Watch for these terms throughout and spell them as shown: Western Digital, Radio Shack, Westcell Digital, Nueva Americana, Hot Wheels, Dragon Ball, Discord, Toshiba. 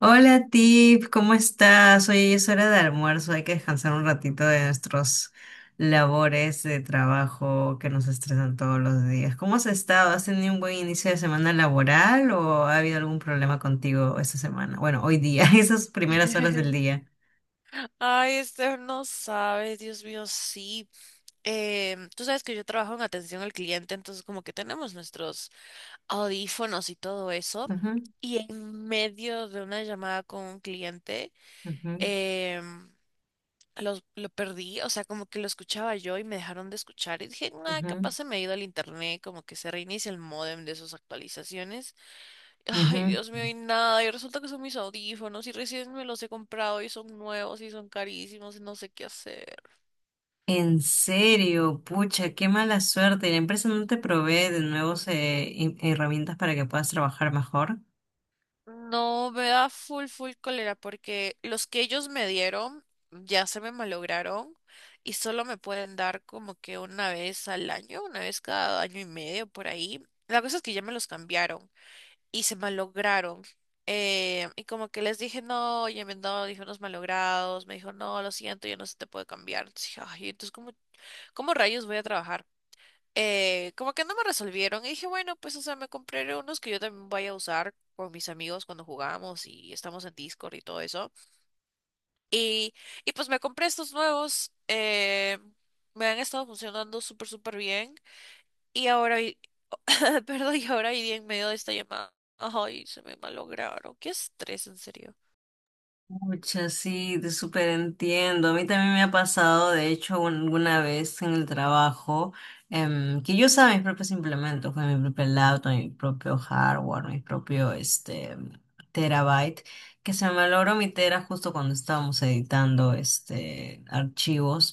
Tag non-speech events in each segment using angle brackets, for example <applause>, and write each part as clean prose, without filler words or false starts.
Hola Tip, ¿cómo estás? Oye, es hora de almuerzo, hay que descansar un ratito de nuestros labores de trabajo que nos estresan todos los días. ¿Cómo has estado? ¿Has tenido un buen inicio de semana laboral o ha habido algún problema contigo esta semana? Bueno, hoy día, <laughs> esas primeras horas del <laughs> día. Ay, Esther, no sabes, Dios mío, sí. Tú sabes que yo trabajo en atención al cliente, entonces como que tenemos nuestros audífonos y todo eso. Ujú, Y en medio de una llamada con un cliente, ujú, em, lo perdí, o sea, como que lo escuchaba yo y me dejaron de escuchar. Y dije, nada, ujú, capaz se me ha ido el internet, como que se reinicia el módem de sus actualizaciones. Ay, ujú. Dios mío, y nada. Y resulta que son mis audífonos y recién me los he comprado y son nuevos y son carísimos y no sé qué hacer. En serio, pucha, qué mala suerte. La empresa no te provee de nuevos herramientas para que puedas trabajar mejor. No, me da full, full cólera porque los que ellos me dieron ya se me malograron y solo me pueden dar como que una vez al año, una vez cada año y medio por ahí. La cosa es que ya me los cambiaron y se malograron. Y como que les dije, no, ya me han dado audífonos malogrados. Me dijo, no, lo siento, ya no se te puede cambiar. Entonces dije, ay, entonces, ¿cómo rayos voy a trabajar? Como que no me resolvieron y dije, bueno, pues, o sea, me compré unos que yo también voy a usar con mis amigos cuando jugamos y estamos en Discord y todo eso. Y, y pues me compré estos nuevos, me han estado funcionando súper, súper bien. Y ahora, y- <laughs> perdón, y ahora y en medio de esta llamada, ay, se me malograron. Qué estrés, en serio. Muchas, sí, te súper entiendo. A mí también me ha pasado, de hecho, alguna vez en el trabajo, que yo usaba mis propios implementos, con mi propio laptop, mi propio hardware, mi propio este, terabyte, que se me malogró mi tera justo cuando estábamos editando este, archivos.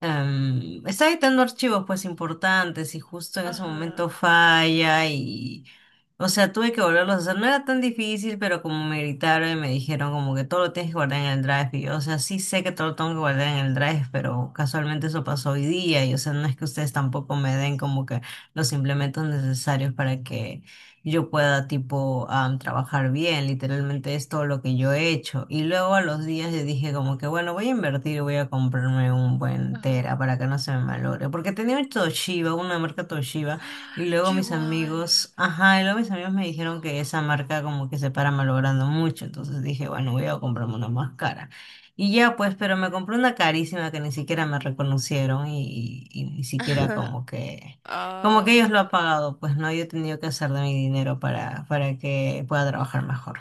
Está editando archivos pues importantes y justo en ese Ajá, momento falla y, o sea, tuve que volverlos a hacer. No era tan difícil, pero como me gritaron y me dijeron como que todo lo tienes que guardar en el drive. Y yo, o sea, sí sé que todo lo tengo que guardar en el drive, pero casualmente eso pasó hoy día y, o sea, no es que ustedes tampoco me den como que los implementos necesarios para que yo pueda tipo trabajar bien, literalmente es todo lo que yo he hecho. Y luego a los días yo dije como que bueno, voy a invertir, voy a comprarme un buen Tera ajá. para que no se me malogre, porque tenía un Toshiba, una marca Toshiba, y <gasps> luego Yo mis igual. amigos, ajá, y luego mis amigos me dijeron que esa marca como que se para malogrando mucho, entonces dije bueno, voy a comprarme una más cara. Y ya pues, pero me compré una carísima que ni siquiera me reconocieron y ni siquiera <laughs> como que Ah. ellos lo han pagado, pues no, yo he tenido que hacer de mi dinero para que pueda trabajar mejor.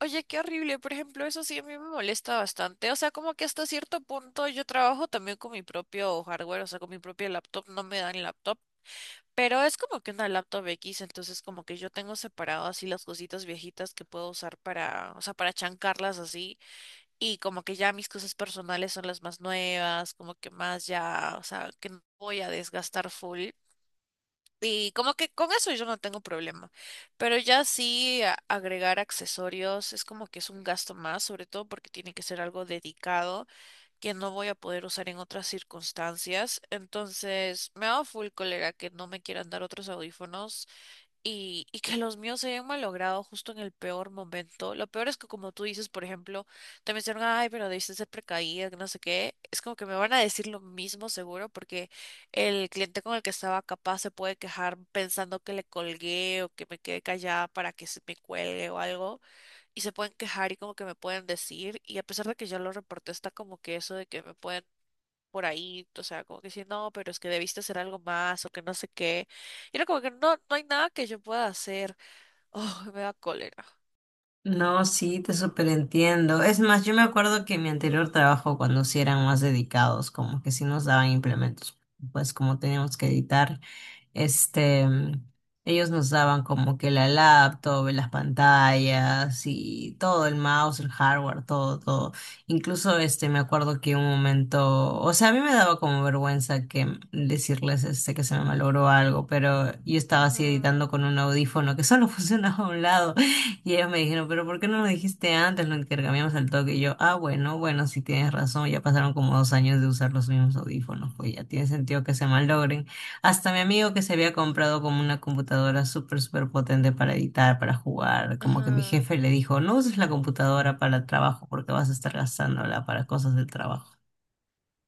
Oye, qué horrible. Por ejemplo, eso sí a mí me molesta bastante. O sea, como que hasta cierto punto yo trabajo también con mi propio hardware, o sea, con mi propia laptop. No me dan laptop, pero es como que una laptop X, entonces como que yo tengo separado así las cositas viejitas que puedo usar para, o sea, para chancarlas así. Y como que ya mis cosas personales son las más nuevas, como que más ya, o sea, que no voy a desgastar full. Y como que con eso yo no tengo problema. Pero ya sí agregar accesorios es como que es un gasto más, sobre todo porque tiene que ser algo dedicado que no voy a poder usar en otras circunstancias. Entonces, me da full cólera que no me quieran dar otros audífonos y que los míos se hayan malogrado justo en el peor momento. Lo peor es que como tú dices, por ejemplo, te mencionan, ay, pero debiste ser precaída, que no sé qué. Es como que me van a decir lo mismo seguro porque el cliente con el que estaba capaz se puede quejar pensando que le colgué o que me quedé callada para que se me cuelgue o algo. Y se pueden quejar y como que me pueden decir. Y a pesar de que ya lo reporté, está como que eso de que me pueden por ahí, o sea, como que decir, no, pero es que debiste hacer algo más o que no sé qué. Y era como que no, no hay nada que yo pueda hacer. <laughs> Oh, me da cólera. No, sí, te superentiendo. Es más, yo me acuerdo que en mi anterior trabajo, cuando sí eran más dedicados, como que sí nos daban implementos, pues como teníamos que editar. Este, ellos nos daban como que la laptop, las pantallas y todo, el mouse, el hardware, todo, todo. Incluso este, me acuerdo que un momento, o sea, a mí me daba como vergüenza que decirles este, que se me malogró algo, pero yo estaba así Ajá, editando con un audífono que solo <laughs> funcionaba a un lado y ellos me dijeron, pero ¿por qué no lo dijiste antes? Lo intercambiamos al toque y yo, ah, bueno, bueno, sí tienes razón, ya pasaron como 2 años de usar los mismos audífonos, pues ya tiene sentido que se malogren. Hasta mi amigo que se había comprado como una computadora súper, súper potente para editar, para jugar, como que mi ajá. jefe le dijo, no uses la computadora para trabajo porque vas a estar gastándola para cosas del trabajo.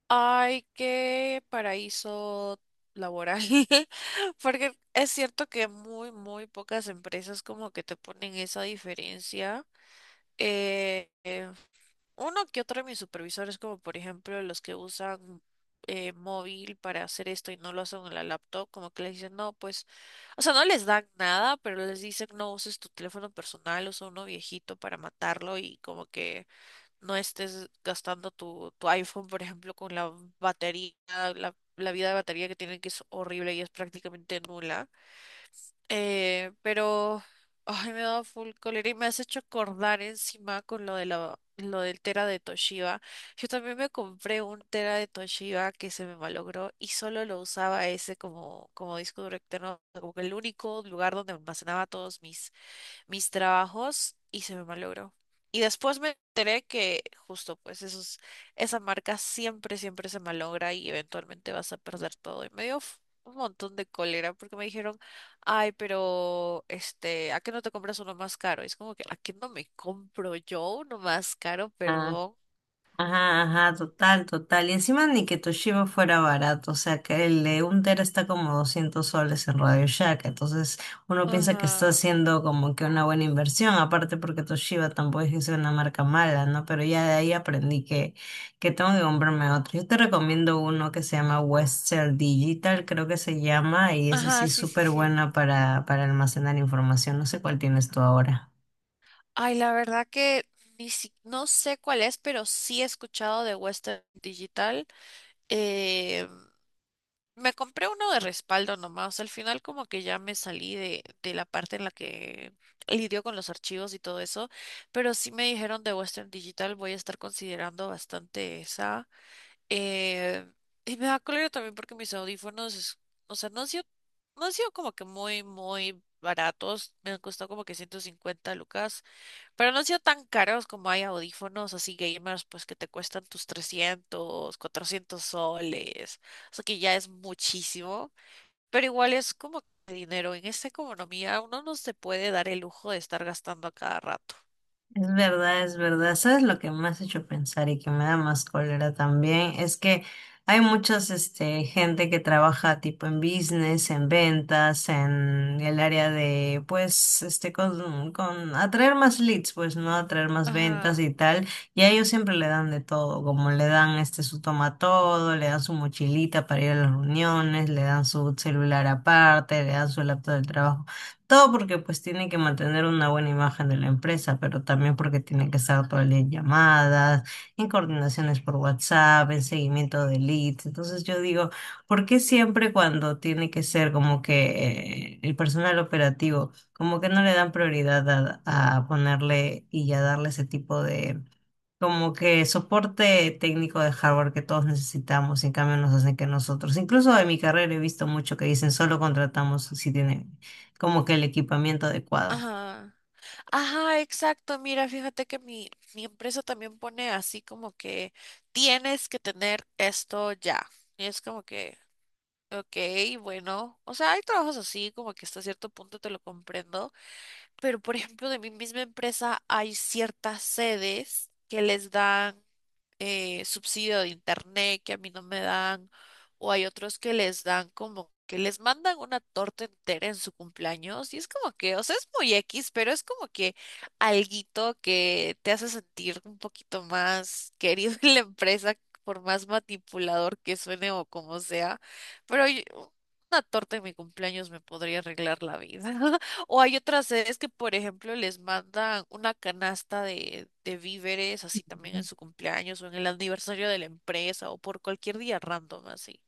Ay, qué paraíso laboral. <laughs> Porque es cierto que muy, muy pocas empresas como que te ponen esa diferencia. Eh, eh, Uno que otro de mis supervisores, como por ejemplo los que usan móvil para hacer esto y no lo hacen en la laptop, como que les dicen, no, pues, o sea, no les dan nada, pero les dicen, no uses tu teléfono personal, usa uno viejito para matarlo y como que no estés gastando tu iPhone, por ejemplo, con la batería, la vida de batería que tienen que es horrible y es prácticamente nula. Eh, pero, ay, me da full cólera y me has hecho acordar encima con lo del tera de Toshiba. Yo también me compré un tera de Toshiba que se me malogró y solo lo usaba ese como, como disco duro externo, como que el único lugar donde almacenaba todos mis trabajos y se me malogró. Y después me enteré que justo pues esa marca siempre, siempre se malogra y eventualmente vas a perder todo. Y me dio un montón de cólera porque me dijeron, ay, pero este, ¿a qué no te compras uno más caro? Y es como que, ¿a qué no me compro yo uno más caro? Perdón. Ajá, ajá, total, total. Y encima ni que Toshiba fuera barato, o sea que el de un tera está como 200 soles en Radio Shack, entonces uno piensa que está Ajá. haciendo como que una buena inversión, aparte porque Toshiba tampoco es que sea una marca mala, ¿no? Pero ya de ahí aprendí que tengo que comprarme otro. Yo te recomiendo uno que se llama Westcell Digital, creo que se llama, y ese sí Ajá, es sí, sí, súper sí. buena para almacenar información, no sé cuál tienes tú ahora. Ay, la verdad que ni si- no sé cuál es, pero sí he escuchado de Western Digital. Eh, Me compré uno de respaldo nomás. Al final como que ya me salí de la parte en la que lidio con los archivos y todo eso. Pero sí me dijeron de Western Digital, voy a estar considerando bastante esa. Eh, y me da cólera también porque mis audífonos, o sea, no han sido, no han sido como que muy, muy baratos. Me han costado como que 150 lucas. Pero no han sido tan caros como hay audífonos así gamers, pues que te cuestan tus 300, 400 soles. O sea que ya es muchísimo. Pero igual es como que dinero. En esta economía uno no se puede dar el lujo de estar gastando a cada rato. Es verdad, es verdad. ¿Sabes lo que me has hecho pensar y que me da más cólera también? Es que hay muchas este, gente que trabaja tipo en business, en ventas, en el área de, pues, este, con atraer más leads, pues, ¿no? Atraer más ventas Ajá, y tal. Y a ellos siempre le dan de todo, como le dan este, su toma todo, le dan su mochilita para ir a las reuniones, le dan su celular aparte, le dan su laptop del trabajo. Todo porque pues tiene que mantener una buena imagen de la empresa, pero también porque tiene que estar todo el día en llamadas, en coordinaciones por WhatsApp, en seguimiento de leads. Entonces yo digo, ¿por qué siempre cuando tiene que ser como que el personal operativo, como que no le dan prioridad a ponerle y a darle ese tipo de como que soporte técnico de hardware que todos necesitamos, y en cambio nos hacen que nosotros, incluso en mi carrera he visto mucho que dicen solo contratamos si tienen como que el equipamiento adecuado. ajá. Ajá, exacto. Mira, fíjate que mi empresa también pone así como que tienes que tener esto ya. Y es como que, ok, bueno. O sea, hay trabajos así como que hasta cierto punto te lo comprendo. Pero, por ejemplo, de mi misma empresa hay ciertas sedes que les dan subsidio de internet que a mí no me dan, o hay otros que les dan como que les mandan una torta entera en su cumpleaños y es como que, o sea, es muy X, pero es como que alguito que te hace sentir un poquito más querido <laughs> en la empresa, por más manipulador que suene o como sea. Pero yo- una torta en mi cumpleaños me podría arreglar la vida. O hay otras sedes que, por ejemplo, les mandan una canasta de víveres, así también en su cumpleaños o en el aniversario de la empresa o por cualquier día random, así.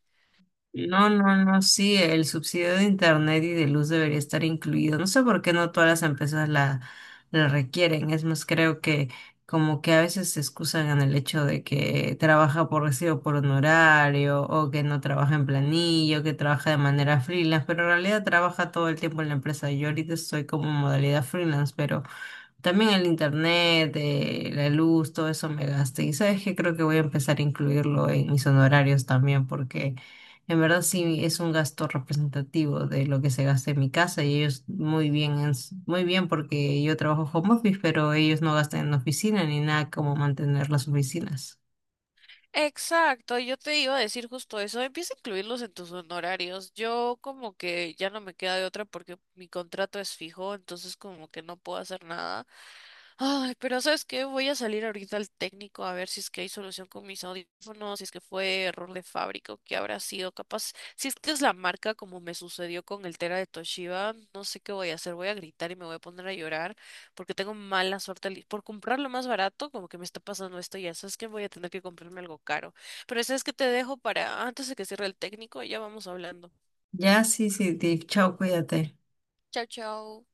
No, no, no, sí, el subsidio de internet y de luz debería estar incluido. No sé por qué no todas las empresas la, la requieren. Es más, creo que como que a veces se excusan en el hecho de que trabaja por recibo por honorario o que no trabaja en planillo, que trabaja de manera freelance, pero en realidad trabaja todo el tiempo en la empresa. Yo ahorita estoy como en modalidad freelance, pero también el internet, la luz, todo eso me gasta. Y sabes que creo que voy a empezar a incluirlo en mis honorarios también, porque en verdad sí es un gasto representativo de lo que se gasta en mi casa y ellos muy bien, muy bien porque yo trabajo home office, pero ellos no gastan en oficina ni nada como mantener las oficinas. Exacto, yo te iba a decir justo eso, empieza a incluirlos en tus honorarios. Yo como que ya no me queda de otra porque mi contrato es fijo, entonces como que no puedo hacer nada. Ay, pero ¿sabes qué? Voy a salir ahorita al técnico a ver si es que hay solución con mis audífonos, si es que fue error de fábrica o qué habrá sido. Capaz, si es que es la marca como me sucedió con el Tera de Toshiba, no sé qué voy a hacer. Voy a gritar y me voy a poner a llorar porque tengo mala suerte. Por comprarlo más barato, como que me está pasando esto y ya. ¿Sabes que? Voy a tener que comprarme algo caro. Pero ¿sabes que? Te dejo para antes de que cierre el técnico y ya vamos hablando. Ya, sí, sí, Tiff, chao, cuídate. Chao, chao.